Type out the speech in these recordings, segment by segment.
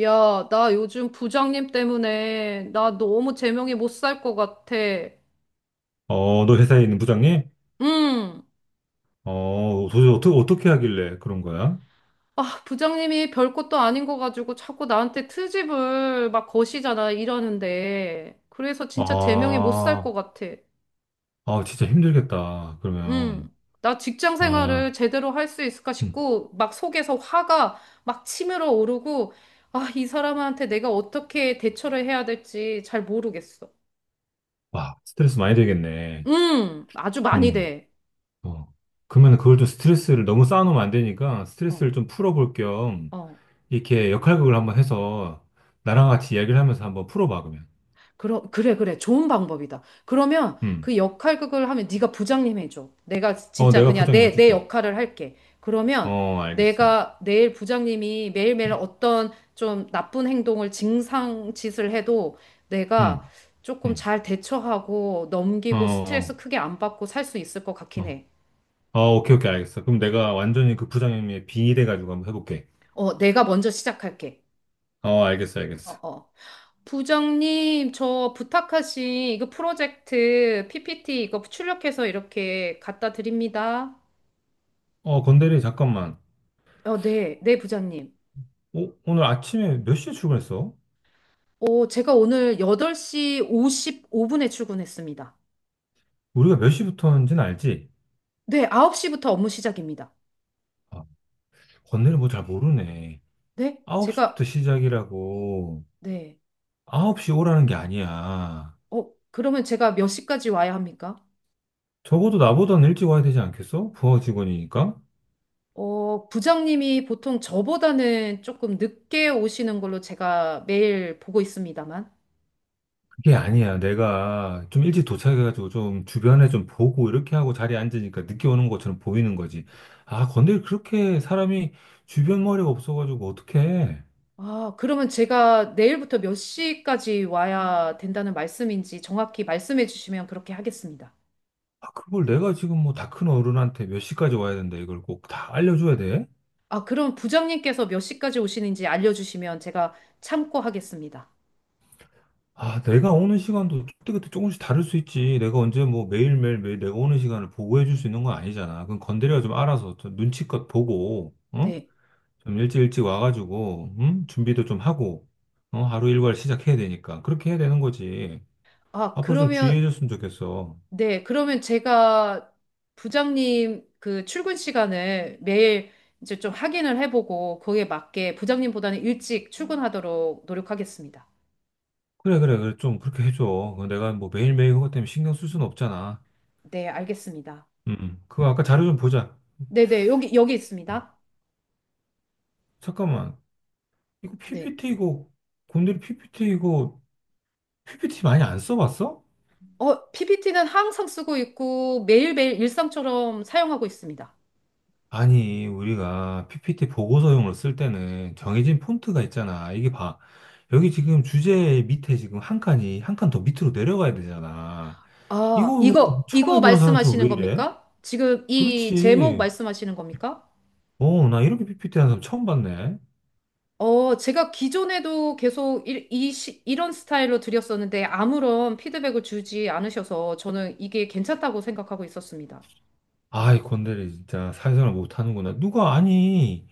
야, 나 요즘 부장님 때문에 나 너무 제명이 못 살 것 같아. 너 회사에 있는 부장님? 응. 도대체 어떻게 하길래 그런 거야? 아, 부장님이 별것도 아닌 거 가지고 자꾸 나한테 트집을 막 거시잖아, 이러는데. 그래서 진짜 제명이 못 살 것 아, 같아. 진짜 힘들겠다. 응. 그러면, 나 직장 생활을 아. 제대로 할 수 있을까 음. 싶고, 막 속에서 화가 막 치밀어 오르고, 아, 이 사람한테 내가 어떻게 대처를 해야 될지 잘 모르겠어. 와, 스트레스 많이 되겠네. 응, 아주 많이 음. 돼. 어. 그러면 그걸 좀 스트레스를 너무 쌓아놓으면 안 되니까 어, 스트레스를 좀 풀어볼 겸 어. 이렇게 역할극을 한번 해서 나랑 응. 같이 이야기를 하면서 한번 풀어봐, 그러면. 그래, 그래. 좋은 방법이다. 그러면 음, 그 역할극을 하면 네가 부장님 해줘. 내가 진짜 내가 그냥 부장님 내 해줄게. 역할을 할게. 그러면 알겠어. 내가 내일 부장님이 매일매일 어떤 좀 나쁜 행동을 증상 짓을 해도 내가 음. 조금 음. 잘 대처하고 어. 넘기고 스트레스 어. 크게 안 받고 살 수 있을 것 같긴 어. 해. 오케이, 오케이, 알겠어. 그럼 내가 완전히 그 부장님의 빙의돼가지고 한번 해볼게. 어, 내가 먼저 시작할게. 알겠어, 어, 알겠어. 어. 부장님, 저 부탁하신 이거 프로젝트 PPT 이거 출력해서 이렇게 갖다 드립니다. 건대리, 잠깐만. 어, 네, 네, 부장님. 오늘 아침에 몇 시에 출근했어? 어, 제가 오늘 8시 55분에 출근했습니다. 우리가 몇 시부터 하는지는 알지? 네, 9시부터 업무 시작입니다. 아, 건대리 뭐 잘 모르네. 네? 9시부터 제가, 시작이라고. 네. 9시 오라는 게 아니야. 어, 그러면 제가 몇 시까지 와야 합니까? 적어도 나보다는 일찍 와야 되지 않겠어? 부하 직원이니까? 어, 부장님이 보통 저보다는 조금 늦게 오시는 걸로 제가 매일 보고 있습니다만. 그게 아니야. 내가 좀 일찍 도착해가지고 좀 주변에 좀 보고 이렇게 하고 자리에 앉으니까 늦게 오는 것처럼 보이는 거지. 근데 그렇게 사람이 주변 머리가 없어가지고 어떡해. 아, 그러면 제가 내일부터 몇 시까지 와야 된다는 말씀인지 정확히 말씀해 주시면 그렇게 하겠습니다. 그걸 내가 지금 뭐 다 큰 어른한테 몇 시까지 와야 된다 이걸 꼭 다 알려줘야 돼? 아, 그럼 부장님께서 몇 시까지 오시는지 알려주시면 제가 참고하겠습니다. 내가 오는 시간도 그때그때 조금씩 다를 수 있지. 내가 언제 뭐 매일매일 매일 내가 오는 시간을 보고해 줄 수 있는 건 아니잖아. 그건 건드려 좀 알아서 좀 눈치껏 보고, 어? 네. 좀 일찍 일찍 와가지고, 음? 준비도 좀 하고, 어? 하루 일과를 시작해야 되니까. 그렇게 해야 되는 거지. 아, 앞으로 좀 그러면, 주의해줬으면 좋겠어. 네. 그러면 제가 부장님 그 출근 시간을 매일 이제 좀 확인을 해보고 거기에 맞게 부장님보다는 일찍 출근하도록 노력하겠습니다. 그래, 그래, 그래. 좀 그렇게 해줘. 내가 뭐 매일매일 그것 때문에 신경 쓸 수는 없잖아. 네, 알겠습니다. 그거 아까 자료 좀 보자. 네네, 여기 어, 있습니다. 잠깐만. 이거 네. PPT 이거, 곰돌이 PPT 이거, PPT 많이 안 써봤어? 어, PPT는 항상 쓰고 있고 매일매일 일상처럼 사용하고 있습니다. 아니, 우리가 PPT 보고서용으로 쓸 때는 정해진 폰트가 있잖아. 이게 봐. 여기 지금 주제 밑에 지금 한 칸이 한 칸 더 밑으로 내려가야 되잖아. 아, 이거 뭐 이거, 처음 이거 해보는 사람처럼 말씀하시는 왜 이래? 겁니까? 지금 이 제목 그렇지. 말씀하시는 겁니까? 나 이렇게 PPT 하는 사람 처음 봤네. 어, 제가 기존에도 계속 이런 스타일로 드렸었는데 아무런 피드백을 주지 않으셔서 저는 이게 괜찮다고 생각하고 있었습니다. 아이, 건달이 진짜 사회생활 못하는구나. 누가 아니.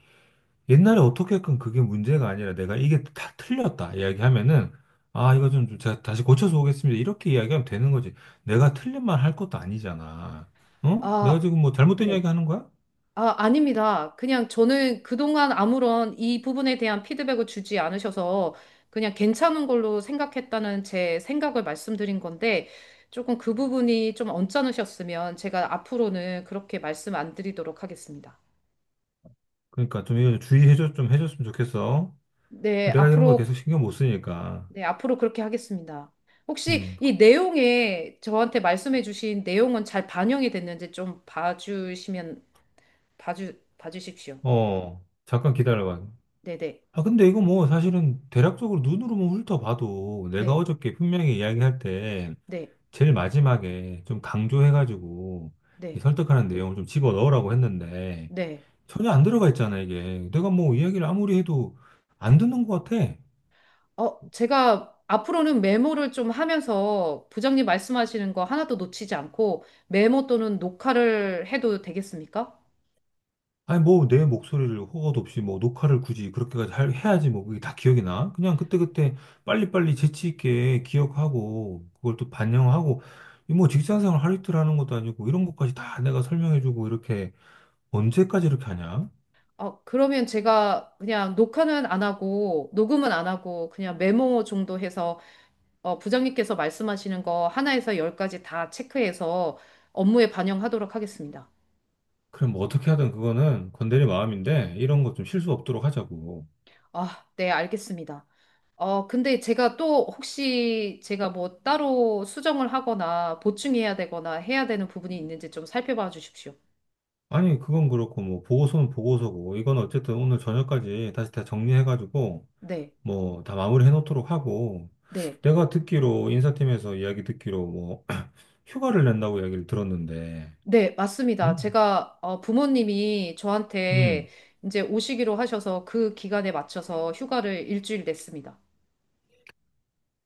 옛날에 어떻게든 그게 문제가 아니라 내가 이게 다 틀렸다 이야기하면은 아, 이거 좀 제가 다시 고쳐서 오겠습니다, 이렇게 이야기하면 되는 거지. 내가 틀린 말 할 것도 아니잖아. 어? 내가 아, 지금 뭐 잘못된 이야기 네. 하는 거야? 아, 아닙니다. 그냥 저는 그동안 아무런 이 부분에 대한 피드백을 주지 않으셔서 그냥 괜찮은 걸로 생각했다는 제 생각을 말씀드린 건데 조금 그 부분이 좀 언짢으셨으면 제가 앞으로는 그렇게 말씀 안 드리도록 하겠습니다. 그러니까 좀 이거 좀 주의해 줘, 좀 해줬으면 좋겠어. 네, 내가 이런 거 계속 앞으로, 신경 못 쓰니까. 네, 앞으로 그렇게 하겠습니다. 혹시 음. 이 내용에 저한테 말씀해 주신 내용은 잘 반영이 됐는지 좀 봐주시면, 봐주십시오. 잠깐 기다려봐. 네네, 근데 이거 뭐 사실은 대략적으로 눈으로만 훑어봐도 내가 네, 어저께 분명히 이야기할 때 네, 제일 마지막에 좀 강조해가지고 네, 이 네. 설득하는 내용을 좀 집어 넣으라고 했는데 네. 전혀 안 들어가 있잖아, 이게. 내가 뭐 이야기를 아무리 해도 안 듣는 것 같아. 어, 제가 앞으로는 메모를 좀 하면서 부장님 말씀하시는 거 하나도 놓치지 않고 메모 또는 녹화를 해도 되겠습니까? 아니, 뭐 내 목소리를 허가도 없이 뭐 녹화를 굳이 그렇게까지 해야지. 뭐 그게 다 기억이 나? 그냥 그때그때 빨리빨리 재치 있게 기억하고 그걸 또 반영하고 이뭐 직장생활 하루 이틀 하는 것도 아니고 이런 것까지 다 내가 설명해주고 이렇게 언제까지 이렇게 하냐? 어, 그러면 제가 그냥 녹화는 안 하고 녹음은 안 하고 그냥 메모 정도 해서 어, 부장님께서 말씀하시는 거 하나에서 열까지 다 체크해서 업무에 반영하도록 하겠습니다. 그럼 뭐 어떻게 하든 그거는 건드릴 마음인데 이런 거 좀 실수 없도록 하자고. 아, 네, 알겠습니다. 어, 근데 제가 또 혹시 제가 뭐 따로 수정을 하거나 보충해야 되거나 해야 되는 부분이 있는지 좀 살펴봐 주십시오. 아니, 그건 그렇고, 뭐, 보고서는 보고서고, 이건 어쨌든 오늘 저녁까지 다시 다 정리해가지고, 네, 뭐, 다 마무리 해놓도록 하고, 네, 내가 듣기로, 인사팀에서 이야기 듣기로, 뭐, 휴가를 낸다고 이야기를 들었는데, 네, 맞습니다. 음? 제가 어, 부모님이 저한테 음, 이제 오시기로 하셔서 그 기간에 맞춰서 휴가를 일주일 냈습니다.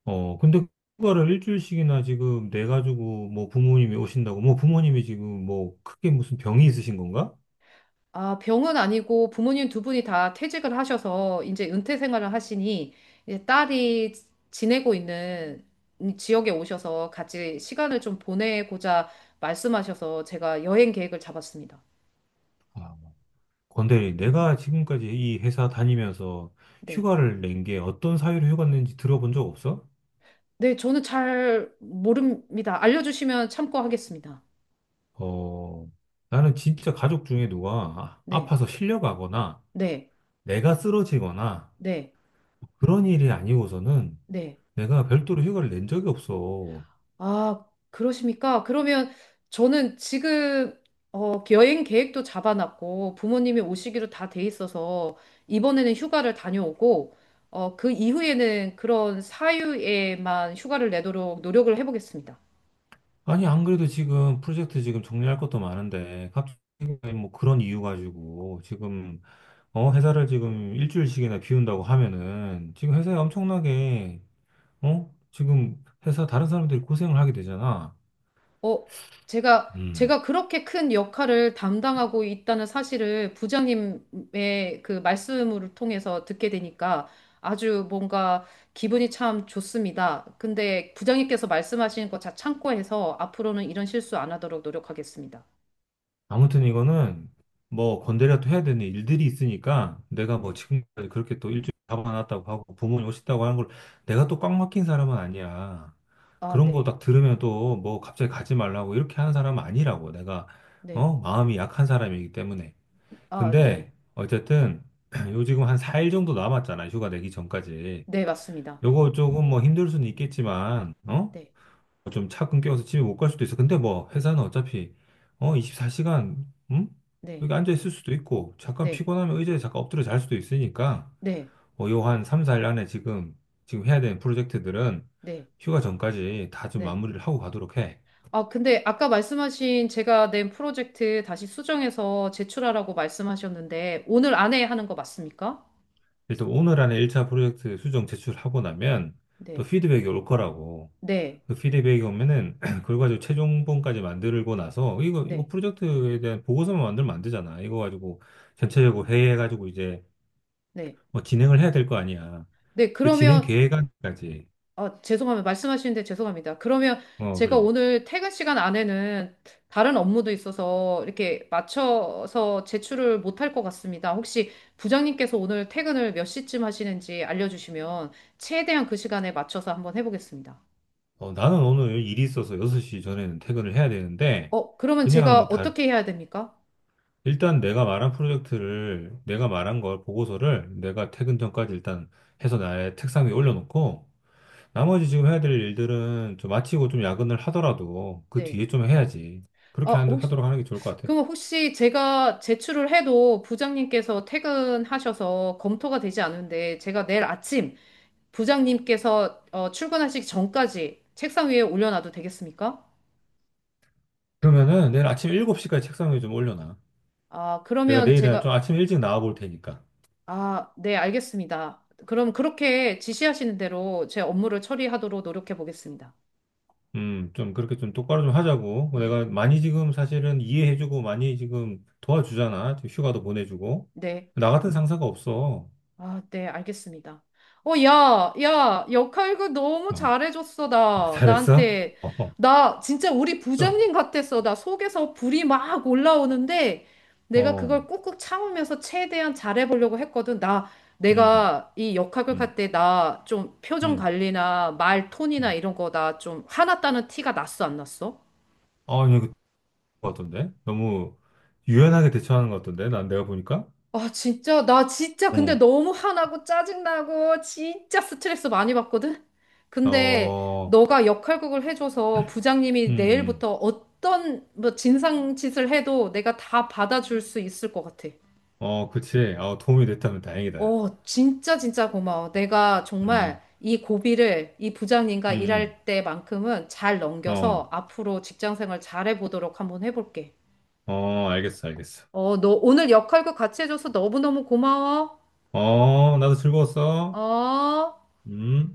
근데 휴가를 일주일씩이나 지금 내가지고, 뭐, 부모님이 오신다고, 뭐, 부모님이 지금 뭐, 크게 무슨 병이 있으신 건가? 아, 병은 아니고 부모님 두 분이 다 퇴직을 하셔서 이제 은퇴 생활을 하시니 이제 딸이 지내고 있는 이 지역에 오셔서 같이 시간을 좀 보내고자 말씀하셔서 제가 여행 계획을 잡았습니다. 아, 건대리, 내가 지금까지 이 회사 다니면서 네. 휴가를 낸 게 어떤 사유로 휴가 낸지 들어본 적 없어? 네, 저는 잘 모릅니다. 알려주시면 참고하겠습니다. 어, 나는 진짜 가족 중에 누가 아- 네. 아파서 실려가거나 네. 내가 쓰러지거나 네. 그런 일이 아니고서는 네. 내가 별도로 휴가를 낸 적이 없어. 아, 그러십니까? 그러면 저는 지금 어, 여행 계획도 잡아놨고 부모님이 오시기로 다 돼 있어서 이번에는 휴가를 다녀오고 어, 그 이후에는 그런 사유에만 휴가를 내도록 노력을 해보겠습니다. 아니, 안 그래도 지금 프로젝트 지금 정리할 것도 많은데 갑자기 뭐 그런 이유 가지고 지금 회사를 지금 일주일씩이나 비운다고 하면은 지금 회사에 네. 엄청나게 어? 지금 회사 다른 사람들이 고생을 하게 되잖아. 어, 제가, 음. 제가 그렇게 큰 역할을 담당하고 있다는 사실을 부장님의 그 말씀을 통해서 듣게 되니까 아주 뭔가 기분이 참 좋습니다. 근데 부장님께서 말씀하신 거 다 참고해서 앞으로는 이런 실수 안 하도록 노력하겠습니다. 아무튼 이거는 뭐 건드려도 해야 되는 일들이 있으니까 내가 뭐 네. 지금까지 그렇게 또 일주일 잡아놨다고 하고 부모님 오셨다고 하는 걸 내가 또 꽉 막힌 사람은 아니야. 아, 그런 거 네. 딱 들으면 또 뭐 갑자기 가지 말라고 이렇게 하는 사람은 아니라고. 내가 네. 어? 마음이 약한 사람이기 때문에. 아, 네. 근데 어쨌든 요 지금 한 4일 정도 남았잖아. 휴가 내기 전까지. 네, 맞습니다. 요거 조금 뭐 힘들 수는 있겠지만 어? 네. 좀 차 끊겨서 집에 못 갈 수도 있어. 근데 뭐 회사는 어차피 24시간, 응? 네. 여기 앉아 있을 수도 있고 잠깐 네. 피곤하면 의자에 잠깐 엎드려 잘 수도 있으니까 네. 요한 3, 4일 안에 지금 해야 되는 프로젝트들은 네. 휴가 전까지 다 좀 네. 마무리를 하고 가도록 해. 아, 근데 아까 말씀하신 제가 낸 프로젝트 다시 수정해서 제출하라고 말씀하셨는데, 오늘 안에 하는 거 맞습니까? 일단 오늘 안에 1차 프로젝트 수정 제출하고 나면 또 네. 피드백이 올 거라고. 네. 그 피드백이 오면은 그걸 가지고 최종본까지 만들고 나서 이거 네. 프로젝트에 대한 보고서만 만들면 안 되잖아. 이거 가지고 전체적으로 회의해가지고 이제 네. 뭐 진행을 해야 될 거 아니야. 네. 그 진행 그러면, 계획안까지. 아, 죄송합니다. 말씀하시는데 죄송합니다. 그러면 제가 그래. 오늘 퇴근 시간 안에는 다른 업무도 있어서 이렇게 맞춰서 제출을 못할 것 같습니다. 혹시 부장님께서 오늘 퇴근을 몇 시쯤 하시는지 알려주시면 최대한 그 시간에 맞춰서 한번 해보겠습니다. 나는 오늘 일이 있어서 6시 전에는 퇴근을 해야 되는데, 어, 그러면 그냥 제가 뭐 다, 어떻게 해야 됩니까? 일단 내가 말한 프로젝트를, 내가 말한 걸, 보고서를 내가 퇴근 전까지 일단 해서 나의 책상 위에 올려놓고, 나머지 지금 해야 될 일들은 좀 마치고 좀 야근을 하더라도 그 네. 뒤에 좀 해야지. 어, 그렇게 하- 혹시, 하도록 하는 게 좋을 것 같아. 그럼 혹시 제가 제출을 해도 부장님께서 퇴근하셔서 검토가 되지 않은데 제가 내일 아침 부장님께서 어, 출근하시기 전까지 책상 위에 올려놔도 되겠습니까? 그러면은 내일 아침 7시까지 책상 위에 좀 올려놔. 아, 내가 그러면 내일은 좀 제가, 아침 일찍 나와 볼 테니까. 아, 네, 알겠습니다. 그럼 그렇게 지시하시는 대로 제 업무를 처리하도록 노력해 보겠습니다. 좀 그렇게 좀 똑바로 좀 하자고. 음, 내가 많이 지금 사실은 이해해주고 많이 지금 도와주잖아. 지금 휴가도 보내주고. 네. 나 같은 상사가 없어. 아, 네, 알겠습니다. 어, 야, 야, 역할극 너무 어, 잘해줬어, 어, 나. 잘했어? 나한테. 어, 어, 나 진짜 우리 좀, 부장님 같았어. 나 속에서 불이 막 올라오는데 내가 그걸 어, 꾹꾹 참으면서 최대한 잘해보려고 했거든. 나, 음, 내가 이 역할극 음, 할 때 나 좀 표정 음, 관리나 말 톤이나 음. 이런 거 나 좀 화났다는 티가 났어, 안 났어? 이거 같던데? 너무 유연하게 대처하는 것 같던데? 난 내가 보니까? 아, 진짜, 나 진짜 근데 어, 너무 화나고 짜증나고 진짜 스트레스 많이 받거든? 근데 어, 너가 역할극을 해줘서 음, 부장님이 음. 내일부터 어떤 뭐 진상짓을 해도 내가 다 받아줄 수 있을 것 같아. 그치. 도움이 됐다면 다행이다. 어, 진짜 진짜 고마워. 내가 음, 정말 이 고비를 이 부장님과 음, 일할 때만큼은 잘 넘겨서 어, 앞으로 직장 생활 잘해 보도록 한번 해볼게. 어, 알겠어, 알겠어. 어, 너 오늘 역할극 같이 해줘서 너무너무 고마워. 나도 즐거웠어. 어. 음.